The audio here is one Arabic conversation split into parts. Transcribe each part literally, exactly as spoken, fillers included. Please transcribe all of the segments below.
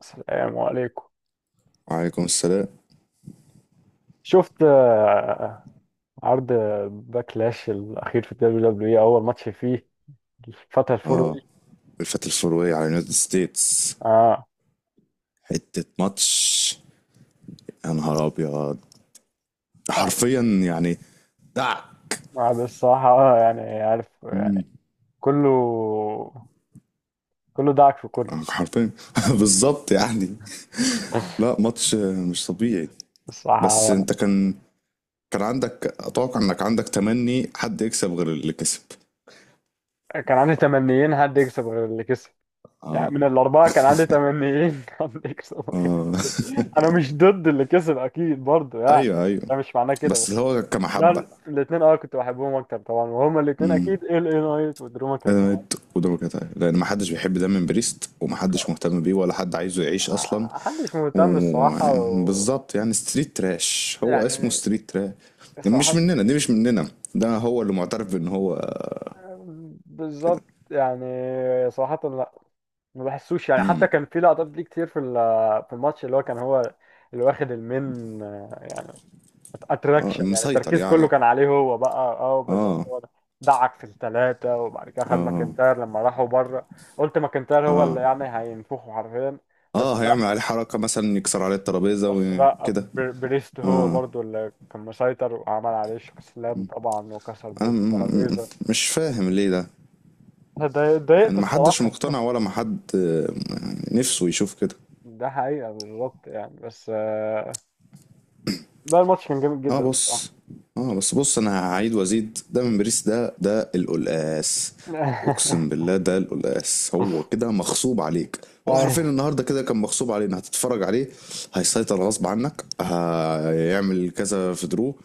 السلام عليكم. وعليكم السلام. شفت آه، عرض باكلاش الأخير في الدبليو دبليو إي؟ أول ماتش فيه الفترة الفوري اه، دي. الفتى الفورية على يونايتد ستيتس، آه. حتة ماتش. يا نهار ابيض، آه. حرفيا يعني دعك. آه. الصراحة آه يعني عارف يعني، كله كله دعك في كله. آه، حرفيا. بالظبط يعني، لا ماتش مش طبيعي. بس الصراحة انت كان كان عندك، اتوقع انك عندك تمني حد يكسب غير اللي كسب. آه، كان عندي تمنيين حد يكسب غير اللي كسب. يعني اه. من الأربعة كان عندي تمنيين حد يكسب. اه أنا مش ضد اللي كسب أكيد برضه يعني، ايوه، ايوه. ده مش معناه كده بس بس. اللي هو لا، كمحبة. الاثنين اه كنت بحبهم اكتر طبعا، وهما الاثنين امم. اكيد ال اي نايت ودرو انا ماكنتاير. ميت قدامك لان ما حدش بيحب دايما بريست، وما حدش خالص، مهتم بيه، ولا حد عايزه يعيش اصلا. محدش مهتم الصراحة ويعني و، بالظبط يعني، ستريت تراش هو اسمه يعني ستريت تراش. مش صراحة. مننا، دي مش مننا. ده هو اللي معترف بان هو كده. بالظبط يعني. صراحة لا، ما بحسوش يعني. حتى امم. كان في لقطات ليه كتير في ال- في الماتش اللي هو كان هو اللي واخد المين آه، يعني اه، اتراكشن. يعني مسيطر التركيز كله يعني. كان عليه هو بقى اه بالظبط اه. هو ده. دعك في الثلاثة، وبعد كده خد اه. ماكنتاير لما راحوا بره. قلت ماكنتاير هو اه. اللي يعني هينفخه حرفيا بس. اه. هيعمل عليه حركة، مثلا يكسر عليه بس الترابيزة بس لا، وكده. بر- بريست هو برضو اللي كان مسيطر، وعمل عليه استسلام طبعا، وكسر بيه انا م- م- الترابيزة. مش فاهم ليه ده. أنا اتضايق- يعني اتضايقت محدش الصراحة. مقتنع، ولا محد آه، يعني نفسه يشوف كده. ده حقيقة بالظبط يعني بس آه، ده الماتش كان جامد اه، جدا الصراحة. بص. اه بس بص، انا هعيد وازيد. ده من باريس، ده ده القلقاس. اقسم بالله ده القلقاس، هو كده مغصوب عليك. هو حرفيا هاي. النهارده كده كان مغصوب علينا هتتفرج عليه. هيسيطر غصب عنك، هيعمل كذا في درو،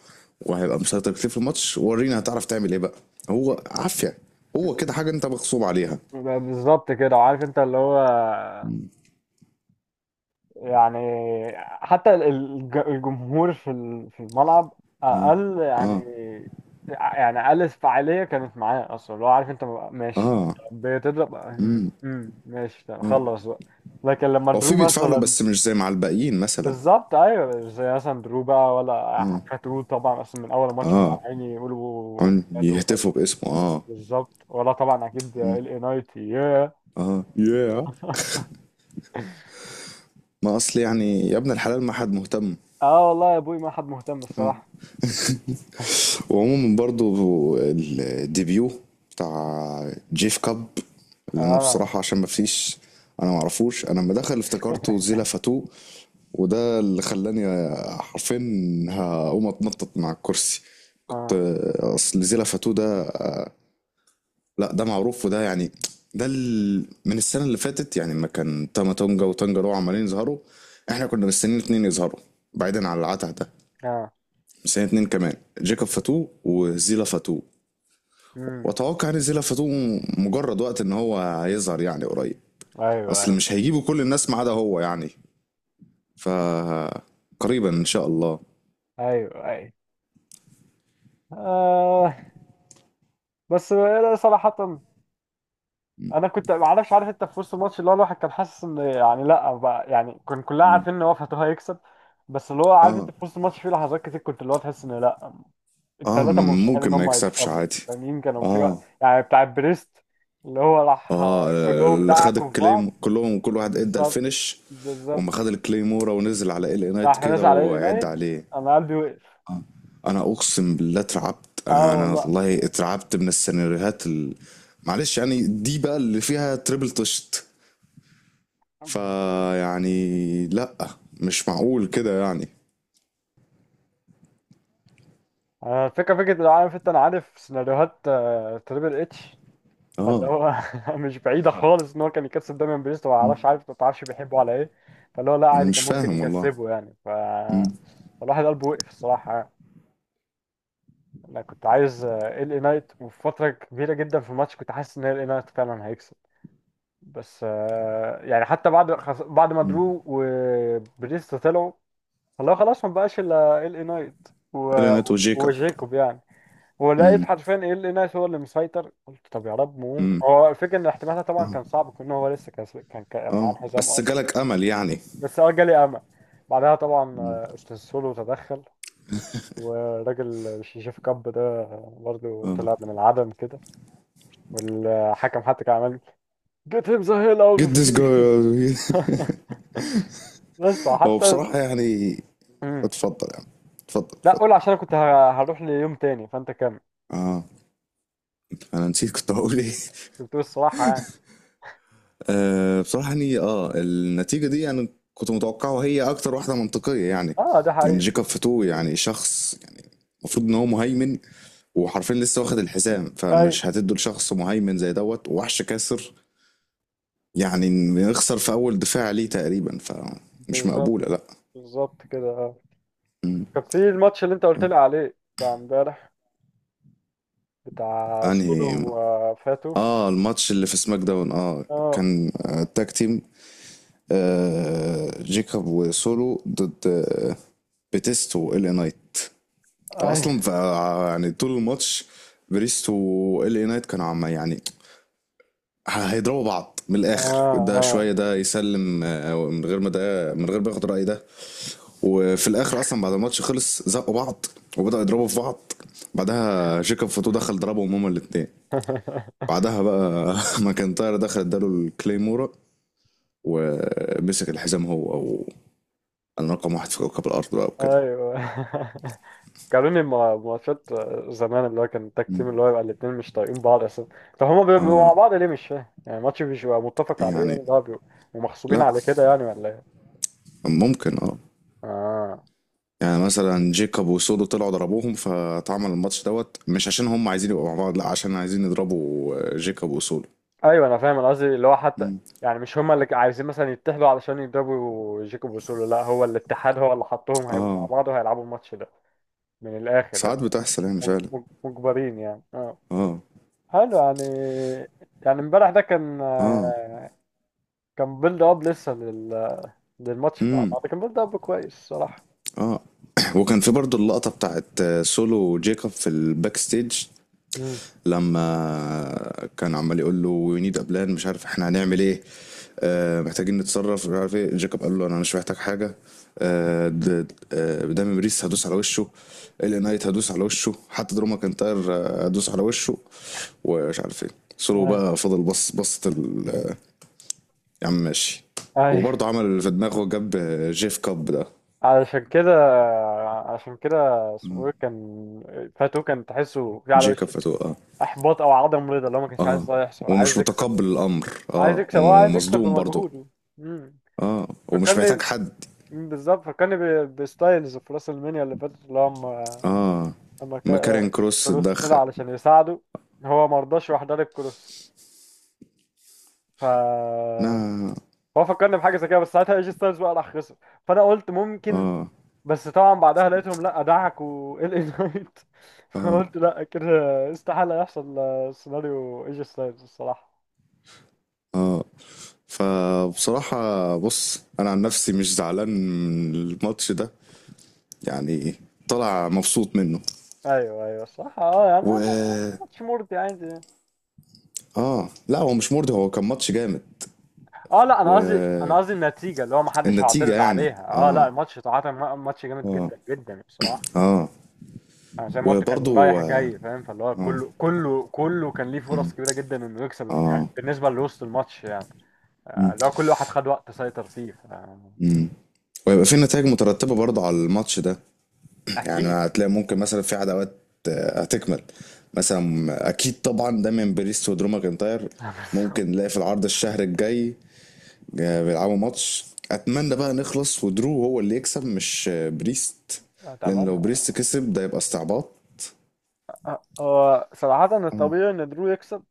وهيبقى مسيطر كتير في الماتش. ورينا هتعرف تعمل ايه بقى. هو عافية، هو كده حاجة انت مغصوب عليها. بالظبط كده، وعارف انت اللي هو يعني حتى ال- الج- الجمهور في ال- في الملعب اه. اقل اه. يعني. يعني اقل فعاليه كانت معاه اصلا، لو عارف انت ماشي اه. بتضرب. امم ماشي، طب خلص بقى. لكن لما هو في درو بيدفع له، مثلا بس مش زي مع الباقيين مثلا. بالظبط ايوه، زي مثلا درو بقى ولا اه. فاتو طبعا، اصلا من اول ماتش هم اه. عمالين يقولوا عن- فاتو يهتفوا فاتو. باسمه، اه. بالظبط، ولا طبعا اكيد ال اي نايت ياه. اه، ياه. ما اصل يعني، يا ابن الحلال ما حد مهتم. اه والله يا ابوي، ما حد مهتم الصراحه. وعموما برضو، الديبيو بتاع جيف كاب، اللي انا اه. بصراحة عشان ما فيش، انا معرفوش. انا لما دخل افتكرته زيلا فاتو، وده اللي خلاني حرفيا هقوم اتنطط مع الكرسي كنت. اه. اصل زيلا فاتو ده، لا ده معروف، وده يعني ده ال- من السنة اللي فاتت، يعني ما كان تاما تونجا وتانجا دول عمالين يظهروا. احنا كنا مستنيين اتنين يظهروا بعيدا عن العته ده. اه. سنة اتنين كمان، جيكوب فاتو وزيلا فاتو. امم. واتوقع ان زيلا فاتو مجرد وقت ان هو هيظهر يعني قريب. ايوه، اصل ايوه، مش هيجيبوا كل الناس ما عدا هو يعني. ف، قريبا ان شاء الله. ايوه، ايوه. آه، بس لا، صراحة انا كنت ما اعرفش. عارف انت في وسط الماتش اللي هو الواحد كان حاسس ان يعني لا بقى، يعني كان كلنا عارفين ان هو فاتو هيكسب. بس اللي هو عارف انت اه. في وسط الماتش في لحظات كتير كنت اللي هو تحس ان لا، اه، الثلاثة مرشحين ممكن ان ما هم يكسبش هيكسبوا. عادي. التانيين كانوا في اه. وقت يعني بتاع بريست. اللي هو راح اه، آه، كلهم اللي خد دعكوا في الكليم بعض. كلهم، كل واحد ادى بالظبط. الفينش، وما بالظبط. خد الكليمورا ونزل على ال نايت راح كده نزل على وعد القنايد. عليه. انا قلبي وقف. انا اقسم بالله اترعبت، اه انا والله. والله اترعبت من السيناريوهات ال... معلش يعني، دي بقى اللي فيها تريبل طشت. فيعني لا، مش معقول كده يعني. آه، فكرة فكرة لو عارف انت، انا عارف سيناريوهات آه، تريبل اتش، فاللي اه. هو مش بعيدة خالص ان هو كان يكسب دايما بريست، وما اعرفش. عارف، ما تعرفش بيحبه على ايه. فاللي هو لا انا عادي مش كان ممكن فاهم والله. يكسبه يعني ف، امم. فالواحد قلبه وقف الصراحة يعني. انا كنت عايز آه، ال اي نايت. وفي فترة كبيرة جدا في الماتش كنت حاسس ان ال اي نايت فعلا هيكسب. بس آه، يعني حتى بعد خس- بعد ما درو وبريست طلعوا، فاللي هو خلاص ما بقاش الا ال اي نايت و، الينات وجيكوب. وجيكوب يعني. ولقيت امم. حرفيا ايه اللي ناس، هو اللي مسيطر. قلت طب يا رب ممكن امم. هو. الفكره ان احتمالها طبعا اه. كان صعب، كون هو لسه كان كان كان معاه اه، الحزام بس اصلا. جالك امل يعني. بس اه جالي امل. بعدها طبعا مم. آه، استاذ سولو تدخل، والراجل الشيشيف كاب ده برضه اه. طلع من العدم كده. والحكم حتى كان عمال get him the hell out get of this here. guy. بس هو حتى. بصراحة يعني مم. اتفضل يعني، اتفضل، لا اتفضل. قول، عشان أنا كنت ه- هروح ليوم تاني، فانت كمل. اه. انا نسيت كنت هقول ايه. كنت بتقول الصراحه يعني. أه بصراحة يعني اه النتيجة دي يعني كنت متوقعه، وهي أكتر واحدة منطقية يعني. اه، ده يعني حقيقي. جيكوب فاتو يعني شخص يعني المفروض إن هو مهيمن. وحرفيا لسه واخد الحزام، ايوه فمش هتدوا لشخص مهيمن زي دوت ووحش كاسر يعني إن يخسر في أول دفاع ليه تقريبا. فمش بالظبط. مقبولة لأ. بالظبط كده اه. مم. كان في الماتش اللي انت قلت لي عليه بتاع امبارح، بتاع سولو أنهي؟ وفاتو. اه، الماتش اللي في سماك داون. اه، اه. كان آه، تاج تيم. آه جيكوب وسولو ضد آه بيتيستو ال نايت ايوه. اصلا. ف، يعني طول الماتش بريست وال اي نايت كانوا عم يعني، ه- هيضربوا بعض من اه. الاخر. ده شويه اه. ده يسلم، آه، من غير ما ده من غير ما ياخد راي ده. وفي الاخر اصلا بعد الماتش خلص، زقوا بعض وبداوا يضربوا في بعض. بعدها جيكوب فوتو دخل ضربهم هما الاثنين. بعدها بقى ماكنتاير دخل اداله الكليمورا، ومسك الحزام هو. او انا رقم واحد في كوكب الارض بقى وكده. ايوه. قالوا لي ما- ماتشات زمان، اللي هو كان التاك تيم اللي هو يبقى الاتنين مش طايقين بعض اساسا. طب هما بيبقوا مع اه. بعض ليه؟ مش فاهم، يعني الماتش مش بيبقى متفق عليه يعني، يعني، ده بيبقوا ومغصوبين لا على كده يعني ولا ايه؟ ممكن اه، اه، يعني مثلا جيكوب وسودو طلعوا ضربوهم، فاتعمل الماتش دوت. مش عشان هم عايزين يبقوا مع بعض، لا عشان عايزين يضربوا آه، جيكوب وسودو. ايوه انا فاهم، انا قصدي اللي هو حتى مم. يعني مش هما اللي عايزين مثلا يتحدوا علشان يضربوا جيكوب وسولو، لا، هو الاتحاد هو اللي حطهم هيبقوا اه، مع بعض وهيلعبوا الماتش ده. من الاخر ساعات بتحصل يعني مج- فعلا. مج- مجبرين يعني، اه. اه. حلو يعني. يعني امبارح ده كان اه. آه، كان بيلد اب لسه لل... للماتش بتاع امم. بعض. كان بيلد اب كويس صراحة. اه. وكان في برضو اللقطة بتاعت آه، سولو وجيكوب في الباك ستيج. امم لما كان عمال يقول له وي نيد ابلان، مش عارف احنا هنعمل ايه. آه، محتاجين نتصرف مش عارف ايه. جاكوب قال له انا مش محتاج حاجه. آه د- آه، دامي بريس هدوس على وشه، الي نايت هدوس على وشه، حتى دروما كنتاير آه، هدوس على وشه، ومش عارف ايه. سولو اي، بقى فضل بص، بصت ال- آه، يا عم ماشي. اي وبرضه عمل اللي في دماغه، جاب جيف كاب ده. علشان كده، عشان كده. اسمه ايه، كان فاتو كان تحسه في على جيكاب وشه فتوقع، اه. احباط او عدم رضا، اللي هو ما كانش عايز اه، ده يحصل، ومش عايز يكسب. متقبل الامر. عايز اه، يكسب اه عايز يكسب ومصدوم برضه. بمجهوده. امم. اه، ومش محتاج فكرني. حد. مم، بالظبط فكرني ب- بستايلز في راس المنيا اللي فاتت، اللي هو اما اه، اما ما كارين كا- كروس كروس اتدخل. طلع علشان يساعده، هو ما رضاش، راح ضارب كروس. ف، لا. هو فكرني بحاجه زي كده، بس ساعتها ايجي ستايلز بقى راح خسر، فانا قلت ممكن. اه. بس طبعا بعدها لقيتهم لا، دعكوا ال اي نايت. اه. فقلت لا، كده استحاله يحصل سيناريو ايجي ستايلز الصراحه. اه، فبصراحة بص انا عن نفسي مش زعلان من الماتش ده، يعني طلع مبسوط منه. ايوه، ايوه الصراحه اه، يعني أنا- و، ماتش مرضي يعني. اه، لا هو مش مرضي، هو كان ماتش جامد. اه لا، انا قصدي انا والنتيجة قصدي النتيجه اللي هو ما حدش مم. هيعترض يعني، عليها. اه لا، اه. الماتش صراحه م- ماتش جامد اه. جدا جدا بصراحه. اه. انا زي ما قلت كان وبرضو رايح اه. جاي فاهم، فاللي هو اه. كله كله كله كان ليه فرص كبيره جدا انه يكسب الم- يعني آه. بالنسبه لوسط الماتش يعني. آه، اللي هو كل واحد خد وقت سيطر فيه ف. ويبقى في نتائج مترتبة برضو على الماتش ده. يعني اكيد. هتلاقي ممكن مثلا في عداوات آه، هتكمل، مثلا اكيد طبعا دايما بريست ودرو ماكنتاير. بس. ممكن نلاقي في العرض الشهر الجاي آه، بيلعبوا ماتش. اتمنى بقى نخلص ودرو هو اللي يكسب، مش آه، بريست. لان لو اتمنى. بريست كسب ده يبقى استعباط. هو صراحه الطبيعي ان درو يكسب،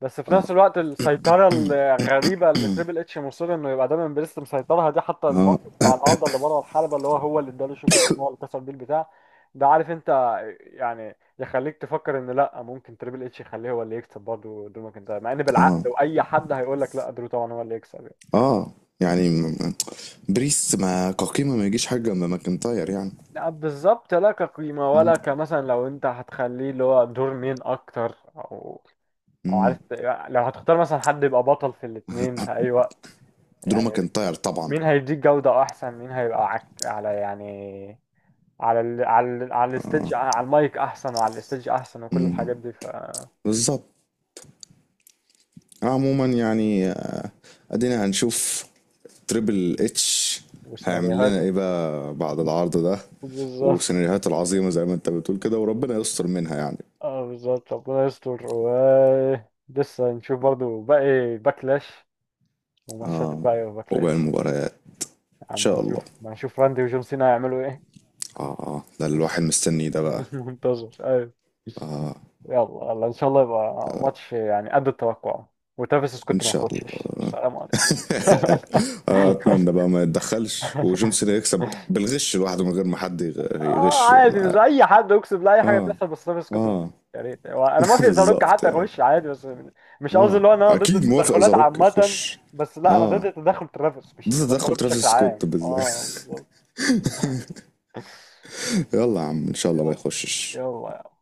بس في نفس الوقت السيطرة الغريبة اللي تريبل اتش مصر انه يبقى دايما بريست مسيطرها دي، حتى اه. الموقف بتاع النهارده اللي بره الحلبة اللي هو هو اللي اداله شوك اسمه، هو اللي كسر بيه البتاع ده، عارف انت. يعني يخليك تفكر ان لا، ممكن تريبل اتش يخليه هو اللي يكسب برضه درو ماكنتاير، مع ان بالعقل اه. واي حد هيقول لك لا، درو طبعا هو اللي يكسب يعني. اه. يعني م- م- بريست، ما كقيمة ما يجيش حاجة جنب ماكنتاير يعني. لا بالظبط، لا كقيمة مم. ولا كمثلا لو انت هتخليه اللي هو دور مين اكتر، او او مم. عارف، لو هتختار مثلا حد يبقى بطل في الاتنين في اي وقت، درو يعني ماكنتاير طبعا. مين هيديك جودة أحسن، مين هيبقى عك... على يعني، على ال... على ال... على الستيج، على المايك أحسن، وعلى الستيج أحسن، وكل الحاجات دي ف. بالظبط. عموما يعني، آه، ادينا هنشوف تريبل اتش هيعمل لنا وسيناريوهاته. ايه بقى بعد العرض ده. بالظبط. وسيناريوهات العظيمة زي ما انت بتقول كده، وربنا يستر منها يعني. اه بالظبط، ربنا يستر. و لسه نشوف برضو باقي باكلاش، وماتشات اه، الباقي وباكلاش. وباقي المباريات ان اما شاء الله. نشوف ما نشوف راندي وجون سينا هيعملوا ايه. اه. اه، ده اللي الواحد مستنيه ده بقى. منتظر، ايوه. اه، يلا يلا، ان شاء الله يبقى ماتش يعني قد التوقع، وتافيس ان سكوت ما شاء ياخدش. الله. السلام آه، عليكم. اتمنى بقى ما يتدخلش وجون سينا يكسب بالغش لوحده من غير ما حد يغ- اه، يغش عادي مش معاه. اي حد، اقسم بالله اي حاجه اه. تحصل بس انا مش كنت. اه. يا ريت، هو انا ما في ازاروك بالظبط حتى يعني. اخش عادي بس. مش قصدي اه، اللي هو ان انا ضد اكيد موافق التدخلات زاروك عامه، يخش. بس لا، انا اه، ضد تدخل ترافيس مش ده تدخل التدخلات بشكل ترافيس عام، سكوت بالله. اه بالظبط. يلا يا عم ان شاء الله ما يلا. يخشش. يلا.